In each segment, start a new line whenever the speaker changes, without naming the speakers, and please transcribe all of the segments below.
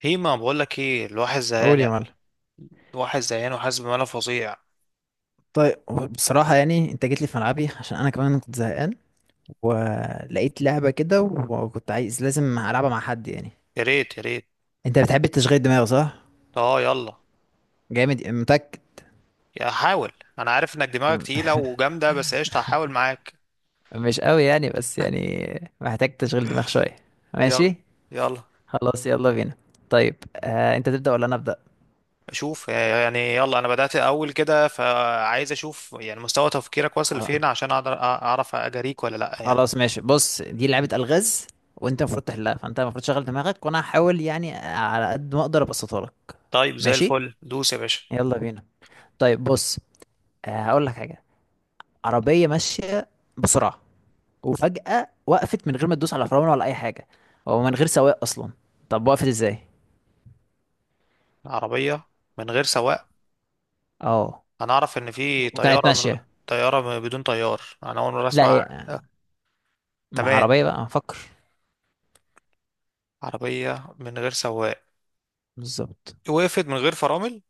هي ما بقول لك ايه الواحد
قول
زهقان
يا
يعني.
معلم.
الواحد زهقان وحاسس بملل فظيع.
طيب، بصراحة يعني انت جيت لي في ملعبي عشان انا كمان كنت زهقان، ولقيت لعبة كده وكنت عايز لازم العبها مع حد يعني.
يا ريت يا ريت.
انت بتحب التشغيل دماغ صح؟
اه يلا.
جامد، متأكد؟
يا حاول، انا عارف انك دماغك تقيله وجامده، بس قشطه هحاول معاك.
مش قوي يعني، بس يعني محتاج تشغيل دماغ شوية.
يلا
ماشي،
يلا.
خلاص يلا بينا. طيب، انت تبدأ ولا انا ابدأ؟
اشوف يعني، يلا انا بدات اول كده فعايز اشوف يعني مستوى تفكيرك واصل
خلاص،
لفين عشان اقدر اعرف اجاريك ولا لا يعني.
خلاص ماشي، بص دي لعبة الغاز، وانت
مم.
المفروض تحلها، فانت المفروض تشغل دماغك وانا هحاول يعني على قد ما اقدر ابسطها لك.
طيب زي
ماشي،
الفل، دوس يا باشا.
يلا بينا. طيب بص، هقول لك حاجه. عربيه ماشيه بسرعه، وفجاه وقفت من غير ما تدوس على فرامل ولا اي حاجه، او من غير سواق اصلا. طب وقفت ازاي؟
عربيه من غير سواق.
اه،
انا اعرف ان في
وكانت
طياره
ماشيه.
طياره بدون طيار انا اول مره
لا
اسمع.
ايه، مع
تمام،
عربيه بقى هنفكر.
عربية من غير سواق
بالظبط،
وقفت من غير فرامل.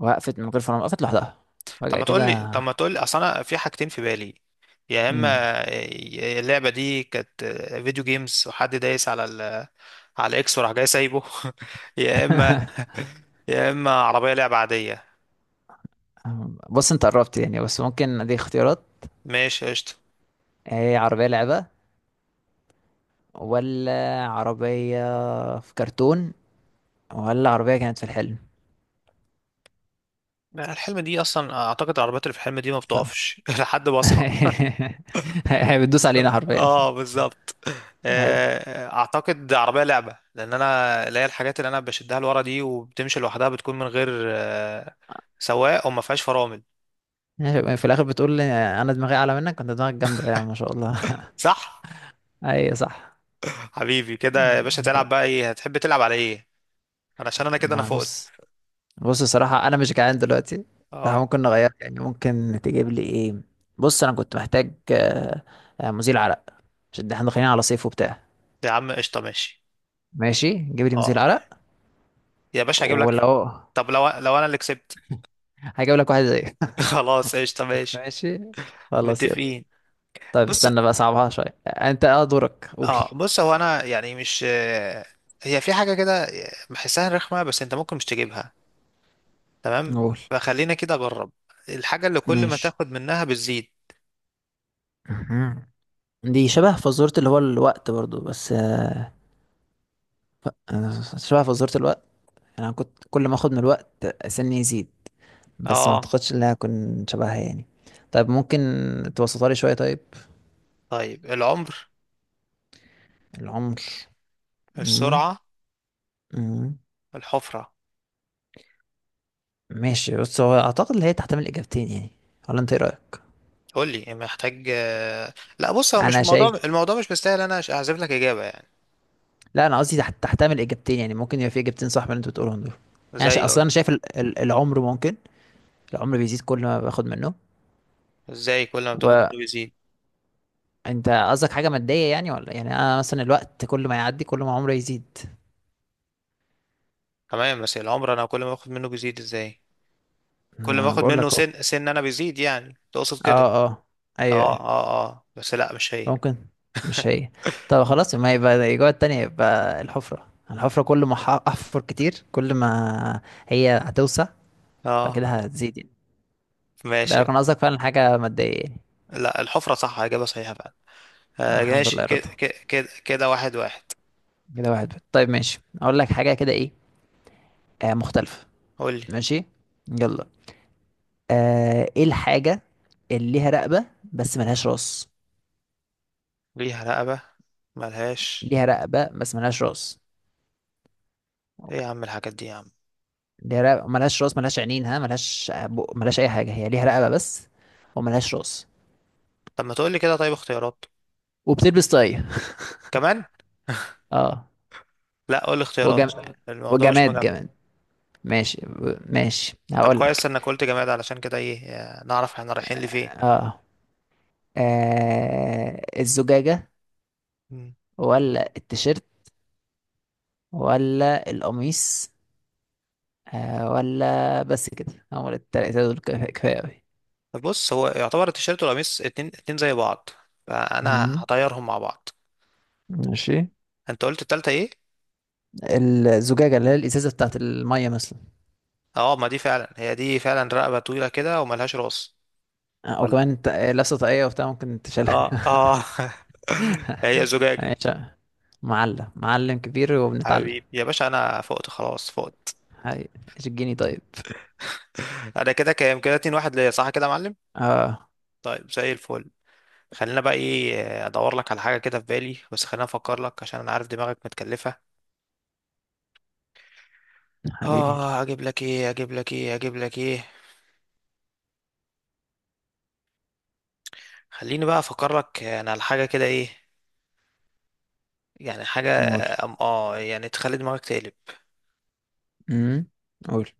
وقفت من غير فرامل، وقفت لوحدها
طب
فجاه
ما
كده.
تقول لي طب ما تقول لي اصل انا في حاجتين في بالي. يا
امم
اما اللعبة دي كانت فيديو جيمز وحد دايس على الاكس وراح جاي سايبه. يا اما، يا اما عربية لعبة عادية.
بص، انت قربت يعني، بس ممكن دي اختيارات.
ماشي قشطة.
هي عربيه لعبه، ولا عربيه في كرتون، ولا عربيه كانت في الحلم؟
لا، الحلم دي اصلا اعتقد العربيات اللي في الحلم دي ما
ف-
بتقفش لحد ما اصحى.
هي بتدوس علينا حرفيا.
اه بالظبط.
هي
اعتقد عربيه لعبه لان انا اللي هي الحاجات اللي انا بشدها لورا دي وبتمشي لوحدها بتكون من غير آه، سواق وما فيهاش فرامل.
ماشي، في الاخر بتقول لي انا دماغي اعلى منك، كنت دماغك جامده يعني ما شاء الله.
صح.
اي صح.
حبيبي كده يا باشا، تلعب بقى ايه؟ هتحب تلعب على ايه؟ انا عشان انا كده انا
ما
فقت.
بص، بص الصراحه انا مش جعان دلوقتي،
اه
فممكن نغير يعني. ممكن تجيب لي ايه؟ بص، انا كنت محتاج مزيل عرق، عشان احنا داخلين على صيف وبتاع.
يا عم قشطه ماشي.
ماشي، جيب لي مزيل
اه
عرق.
يا باشا هجيب لك.
ولو،
طب لو انا اللي كسبت.
هجيب لك واحد زيه.
خلاص قشطه ماشي.
ماشي، خلاص يلا.
متفقين.
طيب،
بص،
استنى بقى، صعبها شويه. انت اه، دورك، قول.
اه بص هو انا يعني مش آه، هي في حاجه كده بحسها رخمه، بس انت ممكن مش تجيبها. تمام،
قول.
فخلينا كده اجرب. الحاجة اللي كل ما
ماشي.
تاخد منها بتزيد.
مهم. دي شبه فزورة، اللي هو الوقت برضو، بس انا شبه فزورة الوقت. يعني انا كنت كل ما اخد من الوقت سني يزيد، بس ما
اه.
اعتقدش ان انا اكون شبهها يعني. طيب، ممكن توسطها لي شوية؟ طيب،
طيب العمر،
العمر. مم.
السرعة،
مم.
الحفرة.
ماشي بص، هو اعتقد ان هي تحتمل اجابتين يعني، ولا انت ايه رأيك؟
قول لي محتاج لا بص، هو مش
انا
الموضوع،
شايف،
الموضوع مش مستاهل انا اعزف لك اجابة يعني.
لا انا قصدي تحتمل اجابتين يعني، ممكن يبقى في اجابتين صح من اللي انت بتقولهم دول. يعني
ازاي
اصلا
قول؟
انا شايف العمر ممكن، العمر بيزيد كل ما باخد منه.
ازاي كل ما بتاخد
وانت
منه بيزيد؟
قصدك حاجة مادية يعني، ولا يعني انا مثلا الوقت كل ما يعدي كل ما عمري يزيد؟
تمام بس العمر انا كل ما باخد منه بيزيد ازاي؟ كل ما
انا
اخد
بقول
منه
لك.
سن انا بيزيد، يعني تقصد
اه
كده؟
اه، ايوه
اه
ايوه.
اه اه بس لا مش هي.
ممكن، مش هي. طب خلاص، ما يبقى الاجابه التانية، يبقى الحفره. الحفره كل ما احفر كتير كل ما هي هتوسع،
اه
فكده هتزيد يعني. ده
ماشي.
لو كان قصدك فعلا حاجه ماديه يعني.
لا الحفرة صح، اجابة صحيحة فعلا. آه
الحمد
ماشي،
لله
كده
رضا.
كده كده كده واحد واحد.
كده واحد واحد. طيب ماشي، اقول لك حاجه كده ايه، مختلفه.
قولي،
ماشي، يلا. ايه الحاجه اللي ليها رقبه بس ملهاش راس؟
ليها رقبة ملهاش؟
ليها رقبه بس ملهاش راس.
ايه يا عم الحاجات دي يا عم.
دي رقبة ملهاش راس، ملهاش عينين، ها، ملهاش بق، ملهاش أي حاجة، هي ليها رقبة بس، وملهاش راس،
طب ما تقولي كده طيب، اختيارات
وبتلبس طاقية.
كمان.
اه.
لا قولي اختيارات
وجم...
عشان الموضوع مش
وجماد،
مجمع.
جماد. ماشي، ماشي
طب
هقولك.
كويس انك قلت جماد، علشان كده ايه نعرف احنا رايحين لفين.
اه، الزجاجة،
مم.
ولا التيشيرت، ولا القميص. آه ولا، بس كده هو التلاتة دول كفاية، كفاية أوي.
طب بص، هو يعتبر التيشيرت والقميص اتنين اتنين زي بعض، فانا
مم.
هطيرهم مع بعض.
ماشي.
انت قلت التالتة ايه؟
الزجاجة، اللي هي الإزازة بتاعت المية مثلا.
اه ما دي فعلا، هي دي فعلا رقبة طويلة كده وملهاش راس. ولا،
وكمان لابسة طاقية وبتاع، ممكن
اه
تشيلها.
اه هي زجاجة.
ماشي. معلم، معلم كبير وبنتعلم.
حبيبي يا باشا انا فقت، خلاص فقت.
هاي، الجيني، طيب.
انا كده كام كده؟ 2 واحد ليا صح كده يا معلم؟
اه،
طيب زي الفل. خلينا بقى ايه ادور لك على حاجه كده في بالي، بس خلينا افكر لك عشان انا عارف دماغك متكلفه.
حبيبي.
اه اجيب لك ايه اجيب لك ايه. خليني بقى افكر لك انا على حاجه كده ايه. يعني حاجه
قول.
يعني تخلي دماغك تقلب.
امم. قول.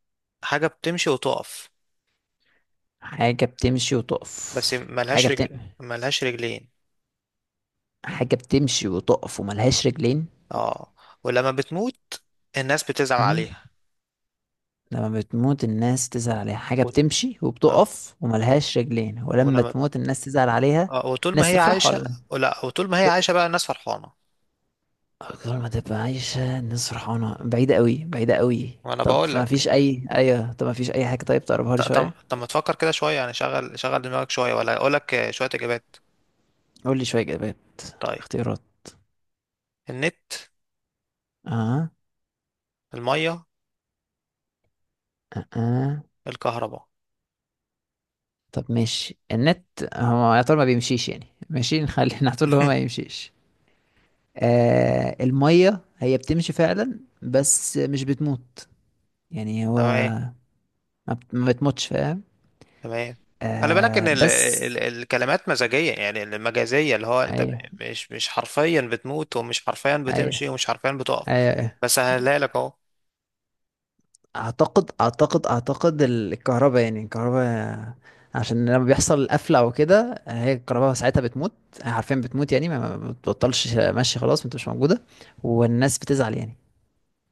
حاجه بتمشي وتقف،
حاجة بتمشي
بس
وتقف.
ملهاش
حاجة بتم
رجل، ملهاش رجلين.
حاجة بتمشي وتقف وملهاش رجلين.
اه. ولما بتموت الناس بتزعل
امم.
عليها.
لما بتموت الناس تزعل عليها؟ حاجة
و...
بتمشي
اه.
وبتقف وملهاش رجلين، ولما
ولما
تموت الناس تزعل عليها.
وطول ما
الناس
هي
تفرح،
عايشه.
ولا
ولا، وطول ما هي
تقول؟
عايشه بقى الناس فرحانه.
كل ما تبقى عايشة الناس فرحانة، بعيدة قوي، بعيدة قوي.
وانا
طب
بقول
ما
لك.
فيش أي أيوة، طب ما فيش أي حاجة، طيب تقربها
ط-
لي
طب
شوية؟
طب ما تفكر كده شويه يعني، شغل دماغك شويه، ولا اقول لك شويه اجابات.
قول لي شوية إجابات،
طيب،
اختيارات.
النت،
اه
الميه،
اه.
الكهرباء.
طب ماشي، النت، هو يا ترى ما بيمشيش يعني، ماشي نخلي نحطه هو ما يمشيش. آه، المية هي بتمشي فعلا بس مش بتموت. يعني هو
تمام
ما بتموتش، فاهم.
تمام. خلي بالك ان
آه
ال
بس،
ال الكلمات مزاجيه يعني المجازيه، اللي هو انت
ايوه،
مش حرفيا بتموت ومش حرفيا بتمشي
ايوه
ومش حرفيا بتقف.
ايوه أيوه.
بس هلاقي لك اهو.
اعتقد الكهرباء، يعني الكهرباء عشان لما بيحصل قفله او كده هي الكهرباء ساعتها بتموت. هي حرفيا بتموت، يعني ما بتبطلش، ماشي، خلاص ما بتبقاش موجوده، والناس بتزعل يعني،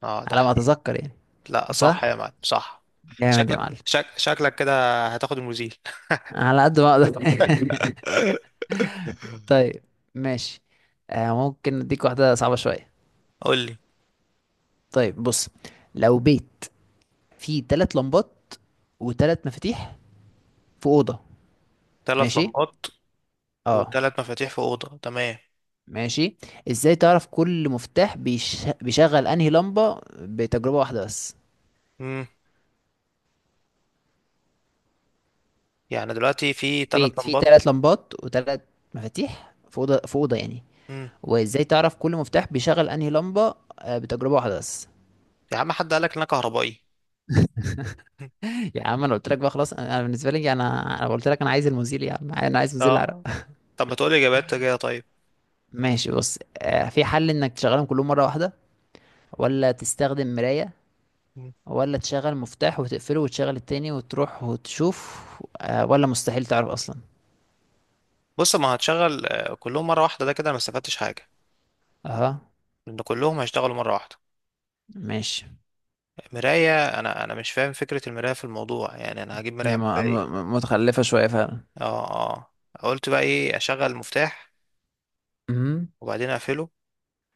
اه ده
على ما
حقيقي.
اتذكر يعني.
لا صح يا
صح.
معلم صح.
جامد يا
شكلك
معلم.
شك شكلك كده هتاخد المزيل.
على قد ما اقدر. طيب ماشي، ممكن اديك واحده صعبه شويه.
قول لي.
طيب بص، لو بيت فيه تلات لمبات وتلات مفاتيح في اوضه.
ثلاث
ماشي.
لمبات
اه،
وثلاث مفاتيح في اوضه، تمام.
ماشي. ازاي تعرف كل مفتاح بيشغل انهي لمبة بتجربة واحدة بس؟
امم. يعني دلوقتي في ثلاث
بيت فيه
لمبات.
تلات لمبات وتلات مفاتيح في اوضة، في اوضة يعني،
امم.
وازاي تعرف كل مفتاح بيشغل انهي لمبة بتجربة واحدة بس؟
يا عم حد قالك ان انا كهربائي؟
يا عم، انا قلت لك بقى خلاص، انا، أنا بالنسبة لي، انا قلت لك انا عايز المزيل، يا عم، انا عايز مزيل العرق.
اه طب ما تقولي اجابات كده طيب.
ماشي بص، في حل انك تشغلهم كلهم مرة واحدة، ولا تستخدم مراية،
مم.
ولا تشغل مفتاح وتقفله وتشغل التاني وتروح وتشوف، ولا مستحيل تعرف اصلا.
بص، ما هتشغل كلهم مره واحده ده كده انا ما استفدتش حاجه،
اها.
لان كلهم هيشتغلوا مره واحده.
ماشي،
مرايه، انا مش فاهم فكره المرايه في الموضوع يعني، انا هجيب مرايه
هي
اعمل بيها ايه.
متخلفة شوية فعلا.
اه اه. قلت بقى ايه، اشغل المفتاح
امم.
وبعدين اقفله،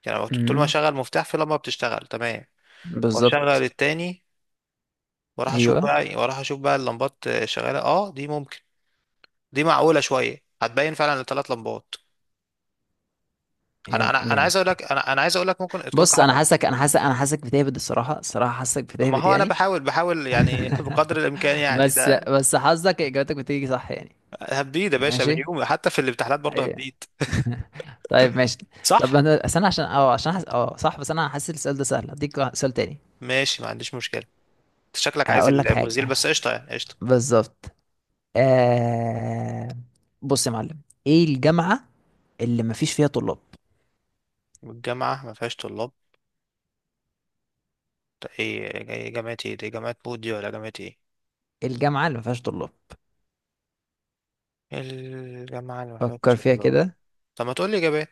يعني لو طول ما
امم،
اشغل مفتاح في لمبه بتشتغل تمام، واشغل
بالظبط.
التاني واروح اشوف
ايوه.
بقى، واروح اشوف بقى اللمبات شغاله. اه دي ممكن، دي معقوله شويه هتبين فعلا الثلاث لمبات. انا
يا
انا انا عايز
جامد.
اقول لك، انا عايز اقول لك ممكن تكون
بص،
كحر.
انا حاسك بتهبد، الصراحة، الصراحة حاسك
ما
بتهبد
هو انا
يعني.
بحاول يعني بقدر الامكان يعني
بس،
ده.
حظك اجابتك بتيجي صح يعني.
هبديد يا باشا من
ماشي،
يومي، حتى في الامتحانات برضه
ايه.
هبديد.
طيب ماشي. طب
صح.
انا أصل انا عشان اه، عشان اه صح، بس انا حاسس السؤال ده سهل، هديك سؤال تاني.
ماشي ما عنديش مشكله. أنت شكلك عايز
هقول لك
المزيل،
حاجة.
بس قشطه يعني قشطه.
بالظبط. آه... بص يا معلم، ايه الجامعة اللي مفيش فيها طلاب؟
الجامعه ما فيهاش طلاب؟ ده ايه؟ إيه جامعه ايه دي، جامعه مود دي ولا جامعه ايه؟
الجامعة اللي ما فيهاش طلاب،
الجامعه اللي ما
فكر
فيهاش
فيها
طلاب؟
كده.
طب ما تقول لي اجابات.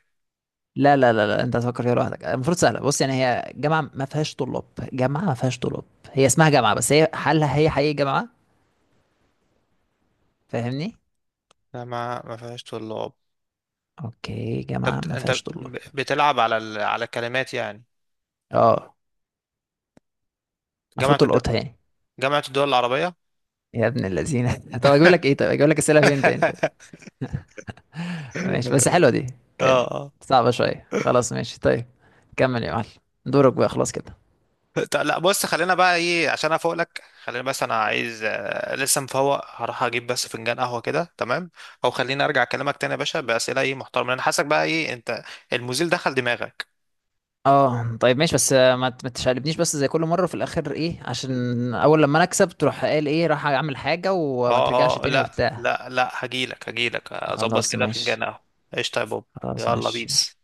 لا لا لا لا، انت هتفكر فيها لوحدك، المفروض سهلة. بص يعني، هي جامعة ما فيهاش طلاب، جامعة ما فيهاش طلاب، هي اسمها جامعة بس، هي هل هي حقيقي جامعة؟ فاهمني؟
جامعه ما فيهاش طلاب.
اوكي،
طب
جامعة ما
انت
فيهاش طلاب.
بتلعب على الكلمات يعني.
اه، المفروض
جامعة،
تلقطها يعني.
جامعة الدول العربية.
يا ابن اللذينة. طب اجيب لك ايه؟ طيب اجيب لك اسئلة فين تاني، طيب. ماشي، بس حلوة دي
اه
كانت،
اه.
صعبة شوية. خلاص، ماشي طيب، كمل يا معلم، دورك بقى خلاص كده.
طب لا بص، خلينا بقى ايه عشان افوق لك، خلينا بس انا عايز لسه مفوق، هروح اجيب بس فنجان قهوة كده تمام. او خليني ارجع اكلمك تاني يا باشا بأسئلة ايه محترمة، انا حاسك بقى ايه انت، المزيل دخل دماغك.
اه، طيب ماشي، بس ما تشقلبنيش بس زي كل مره في الاخر ايه، عشان اول لما انا اكسب تروح قال ايه راح اعمل حاجه وما ترجعش
اه اه
تاني
لا
وبتاع.
لا لا هجيلك، هجيلك اظبط
خلاص
كده
ماشي.
فنجان قهوة. قشطة يا بوب.
خلاص
يلا
ماشي.
بيس.